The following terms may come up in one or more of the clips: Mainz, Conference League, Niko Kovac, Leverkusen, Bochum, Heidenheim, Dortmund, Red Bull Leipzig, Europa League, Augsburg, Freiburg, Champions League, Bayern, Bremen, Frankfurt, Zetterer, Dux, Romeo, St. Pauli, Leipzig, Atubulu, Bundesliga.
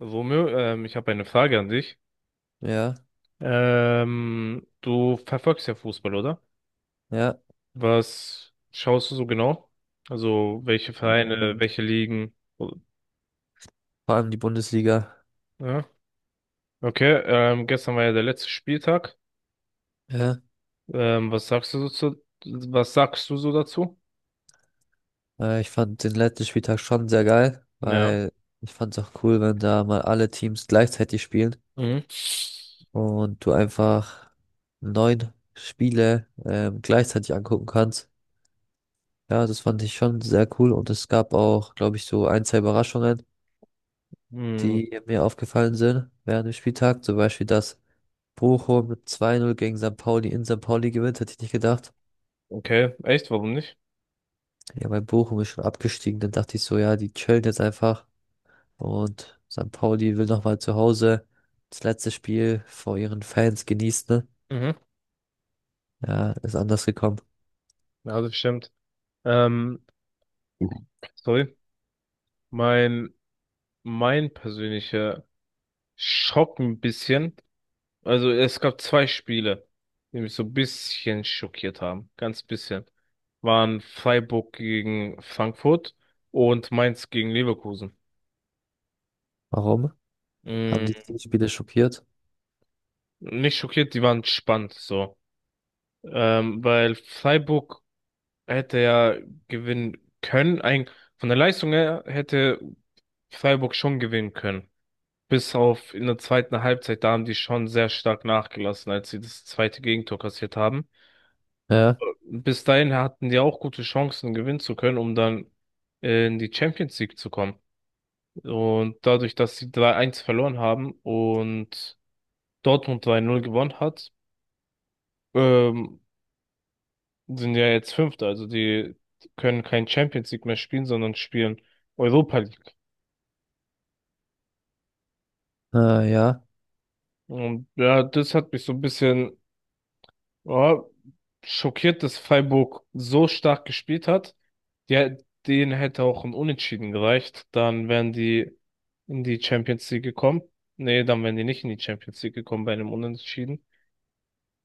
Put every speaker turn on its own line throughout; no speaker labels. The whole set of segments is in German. Romeo, ich habe eine Frage an dich.
Ja,
Du verfolgst ja Fußball, oder?
ja.
Was schaust du so genau? Also welche
Ähm,
Vereine, welche Ligen? Oh,
Vor allem die Bundesliga.
ja. Okay, gestern war ja der letzte Spieltag.
Ja.
Ähm, was sagst du so zu, Was sagst du so dazu?
Ich fand den letzten Spieltag schon sehr geil,
Ja.
weil ich fand es auch cool, wenn da mal alle Teams gleichzeitig spielen
Mhm.
und du einfach neun Spiele gleichzeitig angucken kannst. Ja, das fand ich schon sehr cool und es gab auch, glaube ich, so ein, zwei Überraschungen,
Mhm.
die mir aufgefallen sind während dem Spieltag. Zum Beispiel, dass Bochum mit 2:0 gegen St. Pauli in St. Pauli gewinnt, hätte ich nicht gedacht.
Okay, echt, warum nicht?
Ja, weil Bochum ist schon abgestiegen. Dann dachte ich so, ja, die chillen jetzt einfach. Und St. Pauli will nochmal zu Hause das letzte Spiel vor ihren Fans genießen. Ne?
Mhm.
Ja, ist anders gekommen.
Ja, das stimmt. Ähm, Sorry. Mein, mein persönlicher Schock ein bisschen. Also es gab zwei Spiele, die mich so ein bisschen schockiert haben. Ganz bisschen. Waren Freiburg gegen Frankfurt und Mainz gegen Leverkusen.
Warum? Haben die
Mm,
die Spiele schockiert?
Nicht schockiert, die waren spannend so. Weil Freiburg hätte ja gewinnen können. Von der Leistung her hätte Freiburg schon gewinnen können. Bis auf in der zweiten Halbzeit, da haben die schon sehr stark nachgelassen, als sie das zweite Gegentor kassiert haben.
Ja,
Bis dahin hatten die auch gute Chancen, gewinnen zu können, um dann in die Champions League zu kommen. Und dadurch, dass sie 3-1 verloren haben und Dortmund 3-0 gewonnen hat, ähm, sind ja jetzt Fünfte. Also die können kein Champions League mehr spielen, sondern spielen Europa League.
ja.
Und ja, das hat mich so ein bisschen, ja, schockiert, dass Freiburg so stark gespielt hat. Ja, denen hätte auch ein Unentschieden gereicht. Dann wären die in die Champions League gekommen. Nee, dann wären die nicht in die Champions League gekommen bei einem Unentschieden.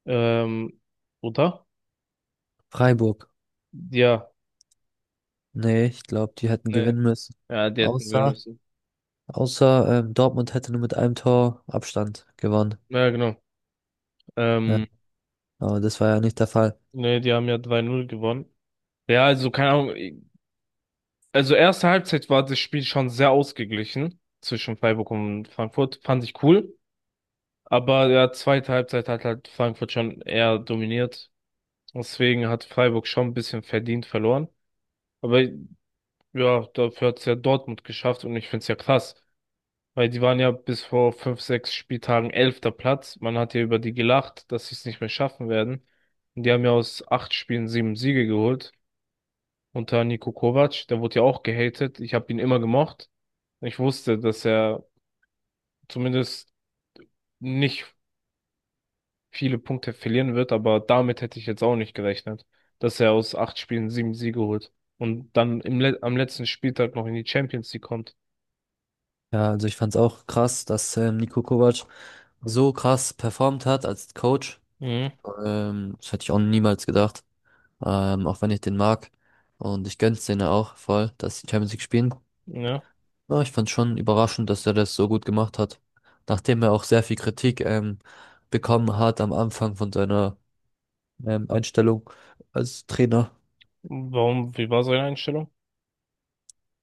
Ähm, oder?
Freiburg.
Ja,
Nee, ich glaube, die hätten
nee.
gewinnen müssen.
Ja, die hätten gewinnen
Außer,
müssen.
außer Dortmund hätte nur mit einem Tor Abstand gewonnen.
Ja, genau.
Ja,
Ähm,
aber das war ja nicht der Fall.
Nee, die haben ja 2 Null gewonnen. Ja, also keine Ahnung. Also erste Halbzeit war das Spiel schon sehr ausgeglichen zwischen Freiburg und Frankfurt. Fand ich cool. Aber ja, zweite Halbzeit hat halt Frankfurt schon eher dominiert. Deswegen hat Freiburg schon ein bisschen verdient verloren. Aber ja, dafür hat es ja Dortmund geschafft und ich finde es ja krass, weil die waren ja bis vor fünf, sechs Spieltagen elfter Platz. Man hat ja über die gelacht, dass sie es nicht mehr schaffen werden. Und die haben ja aus acht Spielen sieben Siege geholt. Unter Niko Kovac, der wurde ja auch gehatet. Ich habe ihn immer gemocht. Ich wusste, dass er zumindest nicht viele Punkte verlieren wird, aber damit hätte ich jetzt auch nicht gerechnet, dass er aus acht Spielen sieben Siege holt und dann im Le am letzten Spieltag noch in die Champions League kommt.
Ja, also ich fand es auch krass, dass Niko Kovac so krass performt hat als Coach.
Mhm.
Das hätte ich auch niemals gedacht. Auch wenn ich den mag. Und ich gönn's denen auch voll, dass die Champions League spielen.
Ja.
Aber ich fand's schon überraschend, dass er das so gut gemacht hat. Nachdem er auch sehr viel Kritik bekommen hat am Anfang von seiner Einstellung als Trainer.
Warum, wie war seine Einstellung?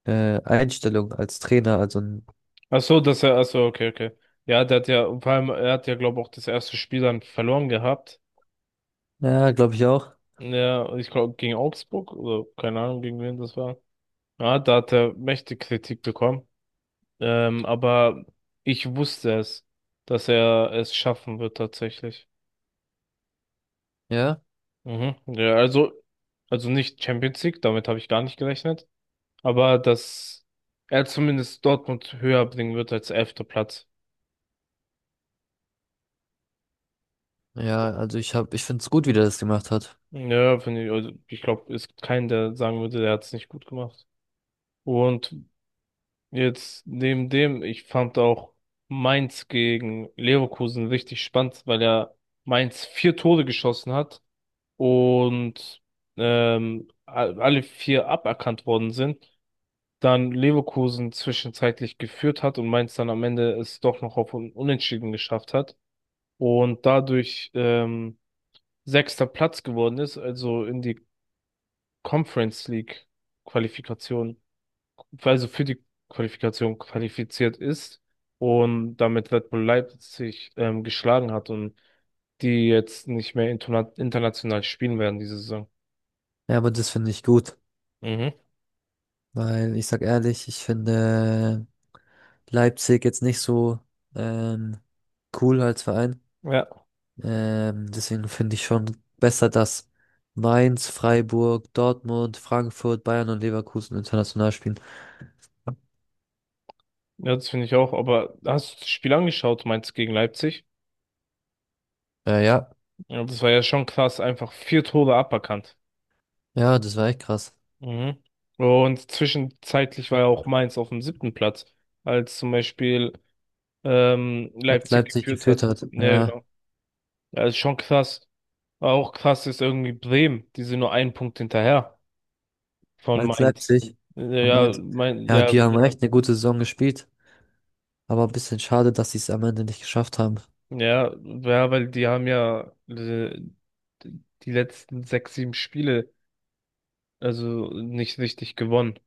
Einstellung als Trainer, also ein,
Ach so, ach so, okay, okay. Ja, vor allem, er hat ja, glaube ich, auch das erste Spiel dann verloren gehabt.
ja, glaube ich auch.
Ja, ich glaube, gegen Augsburg oder keine Ahnung, gegen wen das war. Ja, da hat er mächtig Kritik bekommen. Aber ich wusste es, dass er es schaffen wird tatsächlich.
Ja,
Mhm. Ja, also, nicht Champions League, damit habe ich gar nicht gerechnet. Aber dass er zumindest Dortmund höher bringen wird als elfter Platz.
ja, also ich find's gut, wie der das gemacht hat.
Ja, finde ich, also ich glaube, es gibt keinen, der sagen würde, der hat es nicht gut gemacht. Und jetzt neben dem, ich fand auch Mainz gegen Leverkusen richtig spannend, weil ja Mainz vier Tore geschossen hat und alle vier aberkannt worden sind. Dann Leverkusen zwischenzeitlich geführt hat und Mainz dann am Ende es doch noch auf Unentschieden geschafft hat und dadurch sechster Platz geworden ist, also in die Conference League Qualifikation, also für die Qualifikation qualifiziert ist und damit Red Bull Leipzig geschlagen hat und die jetzt nicht mehr international spielen werden diese Saison.
Ja, aber das finde ich gut.
Mhm.
Weil ich sag ehrlich, ich finde Leipzig jetzt nicht so ähm, cool als Verein.
Ja,
Deswegen finde ich schon besser, dass Mainz, Freiburg, Dortmund, Frankfurt, Bayern und Leverkusen international spielen.
ja, das finde ich auch. Aber hast du das Spiel angeschaut, Mainz gegen Leipzig?
Ja,
Ja, das war ja schon krass, einfach vier Tore aberkannt.
ja, das war echt krass.
Mhm. Und zwischenzeitlich war ja auch Mainz auf dem siebten Platz, als zum Beispiel
Als
Leipzig
Leipzig
geführt
geführt
hat.
hat.
Ja,
Ja,
genau. Ja, ist schon krass. Auch krass ist irgendwie Bremen, die sind nur einen Punkt hinterher von
als
Mainz.
Leipzig. am
Ja,
Ende- Ja,
ja,
die haben echt eine gute Saison gespielt. Aber ein bisschen schade, dass sie es am Ende nicht geschafft haben.
ja, ja, weil die haben ja die letzten sechs, sieben Spiele also nicht richtig gewonnen.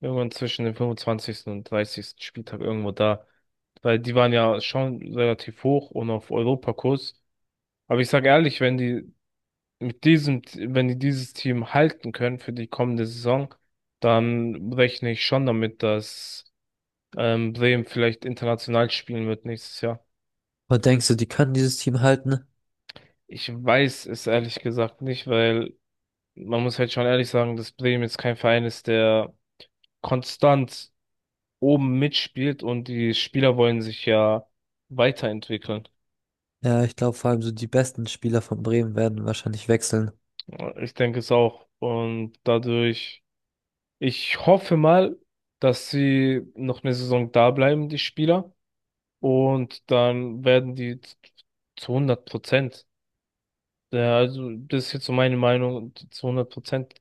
Irgendwann zwischen dem 25. und 30. Spieltag irgendwo da. Weil die waren ja schon relativ hoch und auf Europakurs. Aber ich sage ehrlich, wenn die wenn die dieses Team halten können für die kommende Saison, dann rechne ich schon damit, dass Bremen vielleicht international spielen wird nächstes Jahr.
Und denkst du, die können dieses Team halten?
Ich weiß es ehrlich gesagt nicht, weil man muss halt schon ehrlich sagen, dass Bremen jetzt kein Verein ist, der konstant oben mitspielt, und die Spieler wollen sich ja weiterentwickeln.
Ja, ich glaube vor allem so die besten Spieler von Bremen werden wahrscheinlich wechseln.
Ich denke es auch. Und dadurch. Ich hoffe mal, dass sie noch eine Saison da bleiben, die Spieler. Und dann werden die zu 100 Prozent, ja, also das ist jetzt so meine Meinung, zu 100 Prozent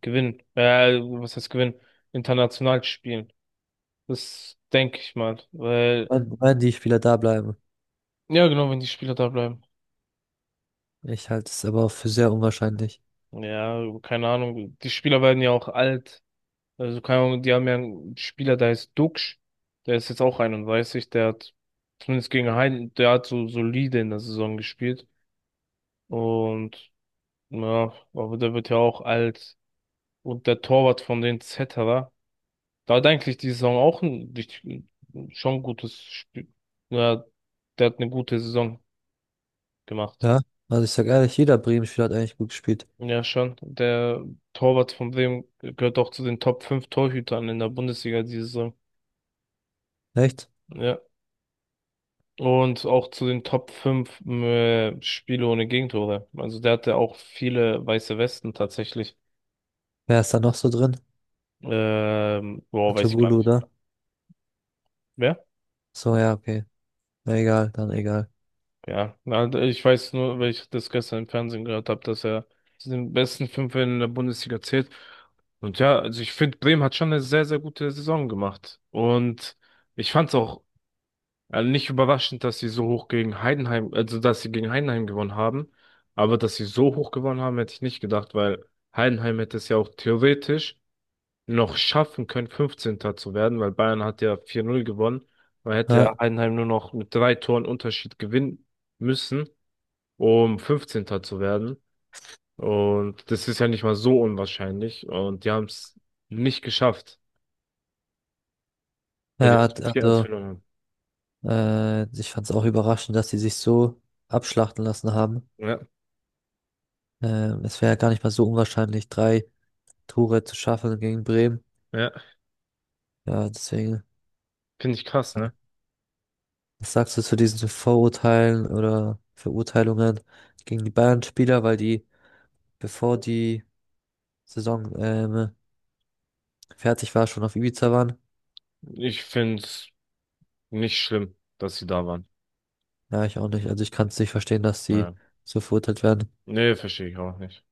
gewinnen. Was heißt gewinnen? International spielen. Das denke ich mal. Weil,
Wenn die Spieler da bleiben.
ja genau, wenn die Spieler da bleiben.
Ich halte es aber auch für sehr unwahrscheinlich.
Ja, keine Ahnung. Die Spieler werden ja auch alt. Also, keine Ahnung, die haben ja einen Spieler, der heißt Dux, der ist jetzt auch 31, der hat zumindest gegen Heiden, der hat so solide in der Saison gespielt. Und ja, aber der wird ja auch alt. Und der Torwart von den Zetterer, da hat eigentlich die Saison auch schon gutes Spiel. Ja, der hat eine gute Saison gemacht.
Ja, also ich sag ehrlich, jeder Bremen-Spieler hat eigentlich gut gespielt.
Ja, schon. Der Torwart von Bremen gehört auch zu den Top 5 Torhütern in der Bundesliga diese Saison.
Echt?
Ja. Und auch zu den Top 5 Spiele ohne Gegentore. Also der hatte auch viele weiße Westen tatsächlich.
Wer ist da noch so drin?
Boah, weiß ich gar
Atubulu,
nicht.
oder?
Wer?
So, ja, okay. Na, egal, dann egal.
Ja, na, ich weiß nur, weil ich das gestern im Fernsehen gehört habe, dass er zu den besten fünf in der Bundesliga zählt. Und ja, also ich finde, Bremen hat schon eine sehr, sehr gute Saison gemacht. Und ich fand's auch also nicht überraschend, dass sie so hoch gegen Heidenheim, also dass sie gegen Heidenheim gewonnen haben, aber dass sie so hoch gewonnen haben, hätte ich nicht gedacht, weil Heidenheim hätte es ja auch theoretisch noch schaffen können, 15. zu werden, weil Bayern hat ja 4-0 gewonnen. Man hätte ja
Ja,
Heidenheim nur noch mit drei Toren Unterschied gewinnen müssen, um 15. zu werden. Und das ist ja nicht mal so unwahrscheinlich. Und die haben es nicht geschafft, weil die
ja, hat-
halt vier 1
also,
verloren haben.
äh, ich fand es auch überraschend, dass sie sich so abschlachten lassen haben.
Ja,
Es wäre ja gar nicht mal so unwahrscheinlich, drei Tore zu schaffen gegen Bremen.
ja,
Ja, deswegen.
finde ich krass, ne?
Was sagst du zu diesen Vorurteilen oder Verurteilungen gegen die Bayern-Spieler, weil die, bevor die Saison fertig war, schon auf Ibiza waren?
Ich finde es nicht schlimm, dass sie da waren.
Ja, ich auch nicht. Also ich kann es nicht verstehen, dass sie
Ja.
so verurteilt werden.
Nee, verstehe ich auch nicht.